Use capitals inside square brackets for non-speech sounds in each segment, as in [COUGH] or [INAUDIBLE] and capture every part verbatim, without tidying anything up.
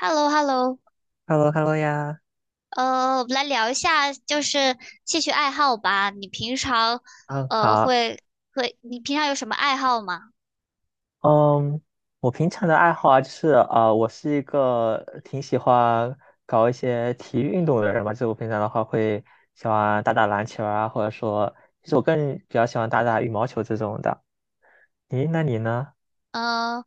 h e l l o h e l l o Hello，Hello 呀，呃，我们来聊一下就是兴趣爱好吧。你平常嗯，呃好，会会，你平常有什么爱好吗？嗯，我平常的爱好啊，就是呃，我是一个挺喜欢搞一些体育运动的人嘛，就是我平常的话会喜欢打打篮球啊，或者说，其实我更比较喜欢打打羽毛球这种的。咦，那你呢？呃，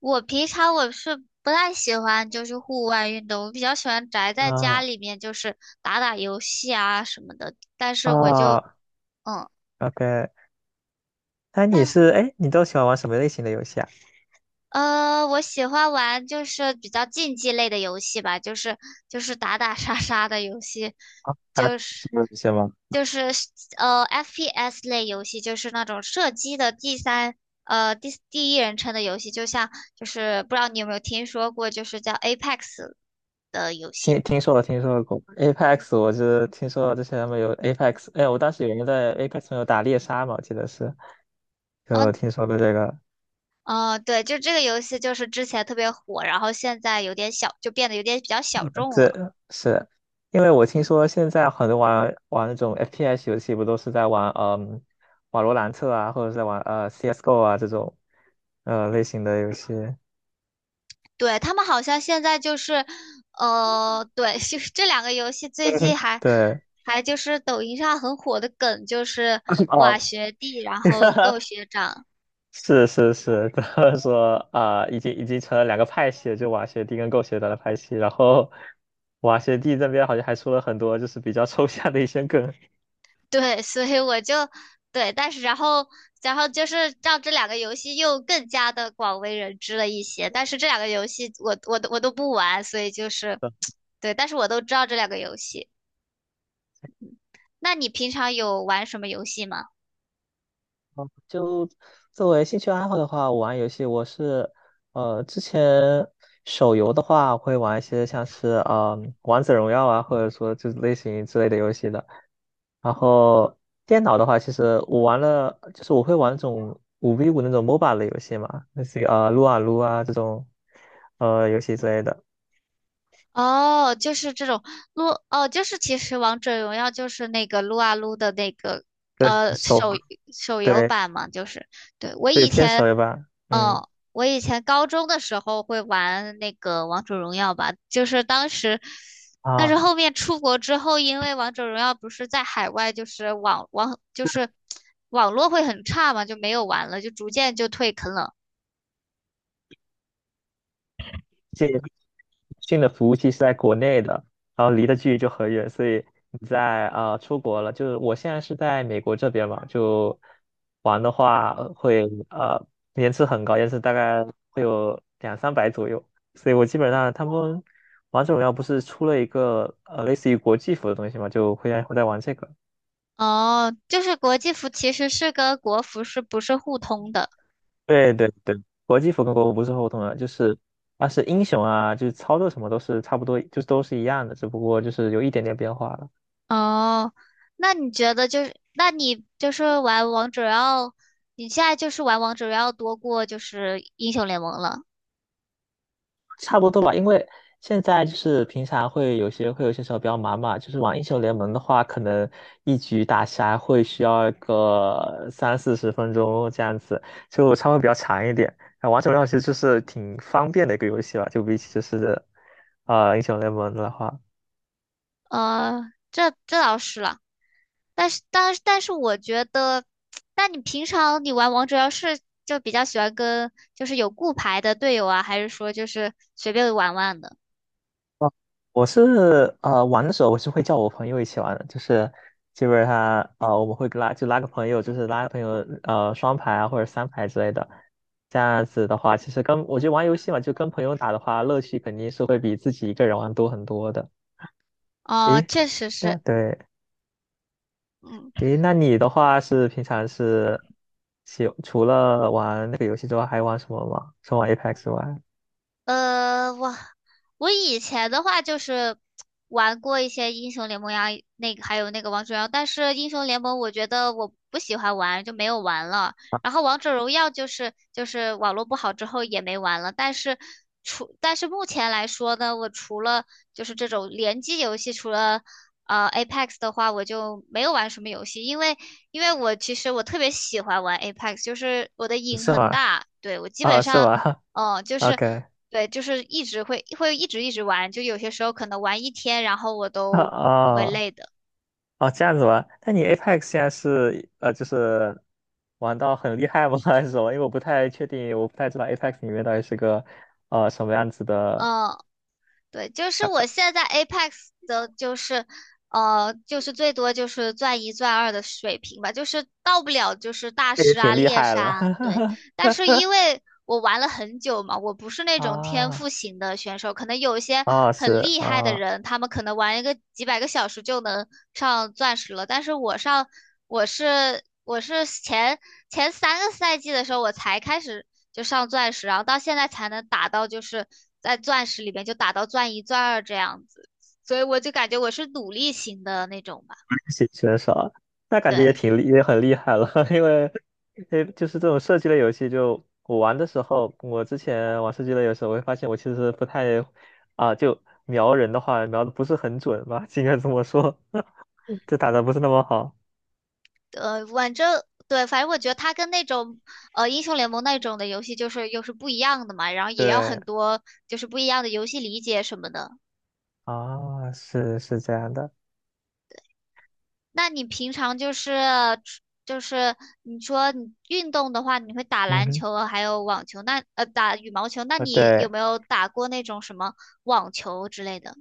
我平常我是不太喜欢就是户外运动，我比较喜欢宅在家啊、里面，就是打打游戏啊什么的。但是我就哦嗯，，OK，那你那是，哎，你都喜欢玩什么类型的游戏啊？呃，我喜欢玩就是比较竞技类的游戏吧，就是就是打打杀杀的游戏，啊，打就是什么游戏吗？就是呃 F P S 类游戏，就是那种射击的第三呃第第一人称的游戏，就像就是不知道你有没有听说过，就是叫 Apex 的游戏。听听说了，听说过 Apex，我是听说了之前他们有 Apex，哎，我当时有人在 Apex 上有打猎杀嘛，我记得是，就嗯听说过这个。哦，呃对，就这个游戏就是之前特别火，然后现在有点小，就变得有点比较小众了。这是因为我听说现在很多玩玩那种 F P S 游戏不都是在玩嗯瓦罗兰特啊，或者是在玩呃 C S:G O 啊这种呃类型的游戏，对，他们好像现在就是，呃，对，就是这两个游戏最 [LAUGHS] 近还对，还就是抖音上很火的梗，就是 [LAUGHS] 啊，哇学弟，然后 [LAUGHS] 够学长。是是是，[LAUGHS] 他们说啊、已经已经成了两个派系了，就瓦学弟跟狗血长的派系。然后瓦学弟这边好像还出了很多就是比较抽象的一些梗。对，所以我就对，但是然后然后就是让这两个游戏又更加的广为人知了一些。但是这两个游戏我我都我都不玩，所以就是 [TSK] 对，但是我都知道这两个游戏。那你平常有玩什么游戏吗？哦就作为兴趣爱好的话，我玩游戏我是，呃，之前手游的话会玩一些像是呃王者荣耀啊，或者说就是类型之类的游戏的。然后电脑的话，其实我玩了，就是我会玩那种五 v 五那种 MOBA 的游戏嘛，那些啊撸啊撸啊这种呃游戏之类的。哦，就是这种撸哦，就是其实王者荣耀就是那个撸啊撸的那个对呃手，手手游对版嘛，就是对我对以偏前手游吧，嗯，我以前高中的时候会玩那个王者荣耀吧，就是当时，但是啊，后面出国之后，因为王者荣耀不是在海外就是网网就是网络会很差嘛，就没有玩了，就逐渐就退坑了。信新的服务器是在国内的，然后离的距离就很远，所以你在啊、呃出国了，就是我现在是在美国这边嘛，就玩的话呃会呃延迟很高，延迟大概会有两三百左右，所以我基本上他们王者荣耀不是出了一个呃类似于国际服的东西嘛，就会在会在玩这个。哦，就是国际服其实是跟国服是不是互通的？对对对，国际服跟国服不是互通的，就是它是英雄啊，就是操作什么都是差不多，就是都是一样的，只不过就是有一点点变化了。哦，那你觉得就是，那你就是玩王者荣耀，你现在就是玩王者荣耀多过就是英雄联盟了。差不多吧，因为现在就是平常会有些会有些时候比较忙嘛，就是玩英雄联盟的话，可能一局打下来会需要个三四十分钟这样子，就稍微比较长一点。啊，王者荣耀其实就是挺方便的一个游戏吧，就比起就是呃英雄联盟的话。呃，这这倒是了，但是但是但是我觉得，那你平常你玩王者荣耀是就比较喜欢跟就是有固排的队友啊，还是说就是随便玩玩的？我是呃玩的时候，我是会叫我朋友一起玩的，就是基本上呃我们会拉就拉个朋友，就是拉个朋友呃双排啊或者三排之类的，这样子的话，其实跟我觉得玩游戏嘛，就跟朋友打的话，乐趣肯定是会比自己一个人玩多很多的。哦，诶，确实是，那对，嗯。诶，那你的话是平常是喜除了玩那个游戏之外，还玩什么吗？除了玩 Apex 之外，呃，我我以前的话就是玩过一些英雄联盟呀，那个还有那个王者荣耀，但是英雄联盟我觉得我不喜欢玩，就没有玩了。然后王者荣耀就是就是网络不好之后也没玩了，但是除但是目前来说呢，我除了就是这种联机游戏，除了呃 Apex 的话，我就没有玩什么游戏，因为因为我其实我特别喜欢玩 Apex，就是我的瘾是很吗？大，对，我基本啊，是上。吗 [LAUGHS] 哦，就是？OK，对，就是一直会会一直一直玩，就有些时候可能玩一天，然后我啊都不会啊。累的。哦，这样子吗？那你 Apex 现在是呃，就是玩到很厉害吗？[LAUGHS] 还是什么？因为我不太确定，我不太知道 Apex 里面到底是个呃什么样子的 嗯，对，就是我 app，现在 Apex 的，就是呃，就是最多就是钻一钻二的水平吧，就是到不了就是大这也师啊、挺厉猎害杀了。啊对。但是因 [LAUGHS] 为我玩了很久嘛，我不是那种天赋啊，型的选手，可能有一些啊，很是厉害的啊，人，他们可能玩一个几百个小时就能上钻石了，但是我上我是我是前前三个赛季的时候我才开始就上钻石，然后到现在才能打到就是在钻石里面就打到钻一钻二这样子，所以我就感觉我是努力型的那种吧，写选少，那感觉也对。挺厉，也很厉害了，[LAUGHS] 因为，诶，就是这种射击类游戏就，我玩的时候，我之前玩射击类游戏，我会发现我其实不太，啊，就瞄人的话，瞄的不是很准吧，应该这么说，[LAUGHS] 就打的不是那么好。呃，反正对，反正我觉得它跟那种呃英雄联盟那种的游戏就是又是不一样的嘛，然后也要对，很多就是不一样的游戏理解什么的。啊，是是这样的，那你平常就是就是你说你运动的话，你会打嗯篮哼，球还有网球，那呃打羽毛球，那啊你有对，没有打过那种什么网球之类的？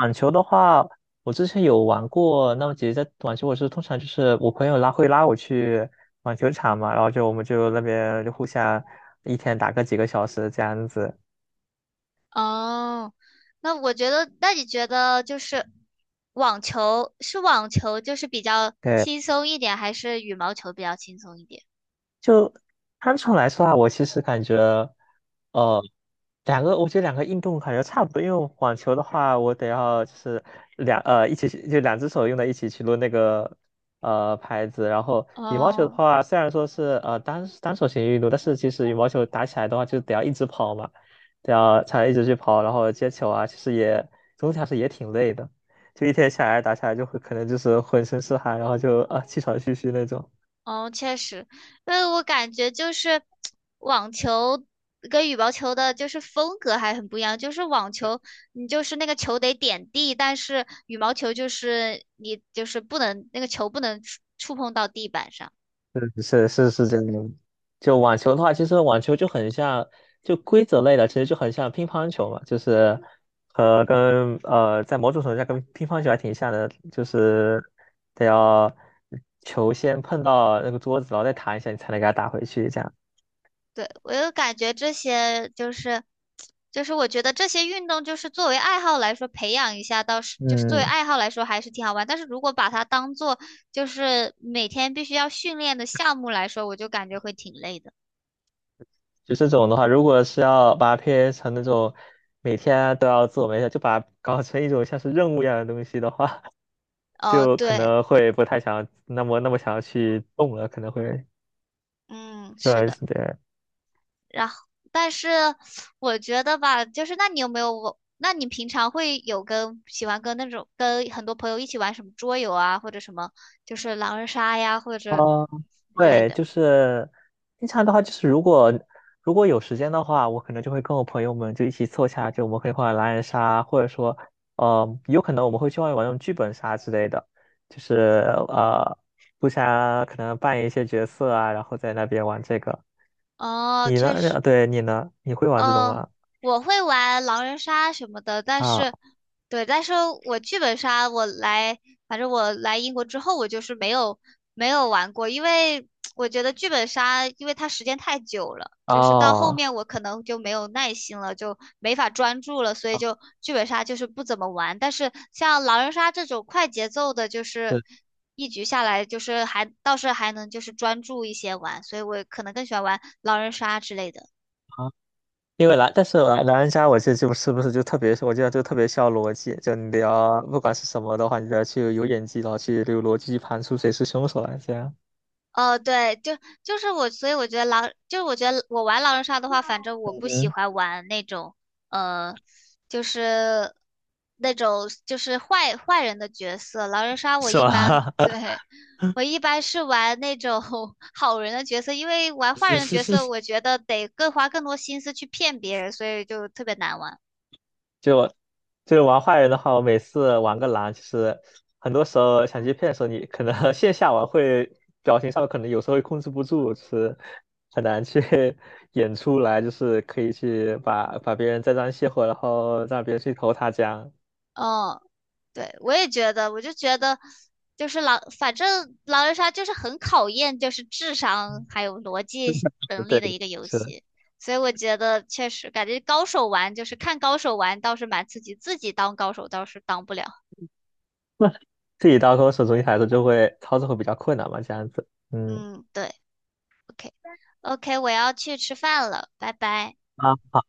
网球的话，我之前有玩过。那么姐姐在网球，我是通常就是我朋友拉会拉我去网球场嘛，然后就我们就那边就互相一天打个几个小时这样子。哦，那我觉得，那你觉得就是网球是网球就是比较对。轻松一点，还是羽毛球比较轻松一点？就单纯来说啊，我其实感觉，呃，两个，我觉得两个运动感觉差不多。因为网球的话，我得要就是两呃一起去，就两只手用在一起去抡那个呃拍子。然后羽毛球的哦话，虽然说是呃单单手型运动，但是其实羽毛球打起来的话，就得要一直跑嘛，得要才一直去跑，然后接球啊，其实也总体来说也挺累的。就一天下来打下来，就会可能就是浑身是汗，然后就啊气喘吁吁那种。哦，确实，因为我感觉就是网球跟羽毛球的，就是风格还很不一样。就是网球，你就是那个球得点地，但是羽毛球就是你就是不能那个球不能触触碰到地板上。是是是真的。就网球的话，其实网球就很像，就规则类的，其实就很像乒乓球嘛，就是和跟呃，在某种程度上跟乒乓球还挺像的，就是得要球先碰到那个桌子，然后再弹一下，你才能给它打回去，这样。对，我就感觉这些就是，就是我觉得这些运动就是作为爱好来说培养一下，倒是就是作为嗯，爱好来说还是挺好玩。但是如果把它当做就是每天必须要训练的项目来说，我就感觉会挺累的。就这种的话，如果是要把它 P A 成那种每天都要做我冥想就把它搞成一种像是任务一样的东西的话，[LAUGHS] 哦，就可对，能会不太想那么那么想要去动了，可能会。嗯，是对的。对，然后，但是我觉得吧，就是那你有没有我？那你平常会有跟喜欢跟那种跟很多朋友一起玩什么桌游啊，或者什么就是狼人杀呀，或者嗯，之类对，的？就是平常的话，就是如果如果有时间的话，我可能就会跟我朋友们就一起凑下，就我们可以玩狼人杀，或者说，呃，有可能我们会去外面玩那种剧本杀之类的，就是呃，互相可能扮演一些角色啊，然后在那边玩这个。哦，你呢？确实。呃对，你呢？你会玩这种呃，吗？我会玩狼人杀什么的，但啊，是，对，但是我剧本杀我来，反正我来英国之后，我就是没有没有玩过，因为我觉得剧本杀，因为它时间太久了，就是到后哦，面我可能就没有耐心了，就没法专注了，所以就剧本杀就是不怎么玩。但是像狼人杀这种快节奏的，就是对，一局下来，就是还倒是还能就是专注一些玩，所以我可能更喜欢玩狼人杀之类的。啊。因为狼，但是狼狼人杀，我记得就是不是就特别，我记得就特别需要逻辑，就你得要不管是什么的话，你得去有演技，然后去有逻辑去盘出谁是凶手来，这样。哦，对，就就是我，所以我觉得狼，就是我觉得我玩狼人杀的话，反正我不喜嗯，欢玩那种，呃，就是那种就是坏坏人的角色。狼人杀我是一般，吧？[LAUGHS] 对，我一般是玩那种 [LAUGHS] 好人的角色，因为玩坏是人的是角色，是，我觉得得更花更多心思去骗别人，所以就特别难玩。就就玩坏人的话，我每次玩个狼，就是很多时候想接骗的时候，你可能 [LAUGHS] 线下玩会表情上可能有时候会控制不住，就是很难去 [LAUGHS] 演出来，就是可以去把把别人栽赃卸货，然后让别人去投他家。嗯。对，我也觉得，我就觉得，就是狼，反正狼人杀就是很考验就是智商嗯，还有逻辑不能对，力的一个游是的。戏，所以我觉得确实感觉高手玩就是看高手玩倒是蛮刺激，自己当高手倒是当不了。自己当空手中一孩子就会操作会比较困难嘛，这样子。嗯，嗯，对，OK，OK，我要去吃饭了，拜拜。啊。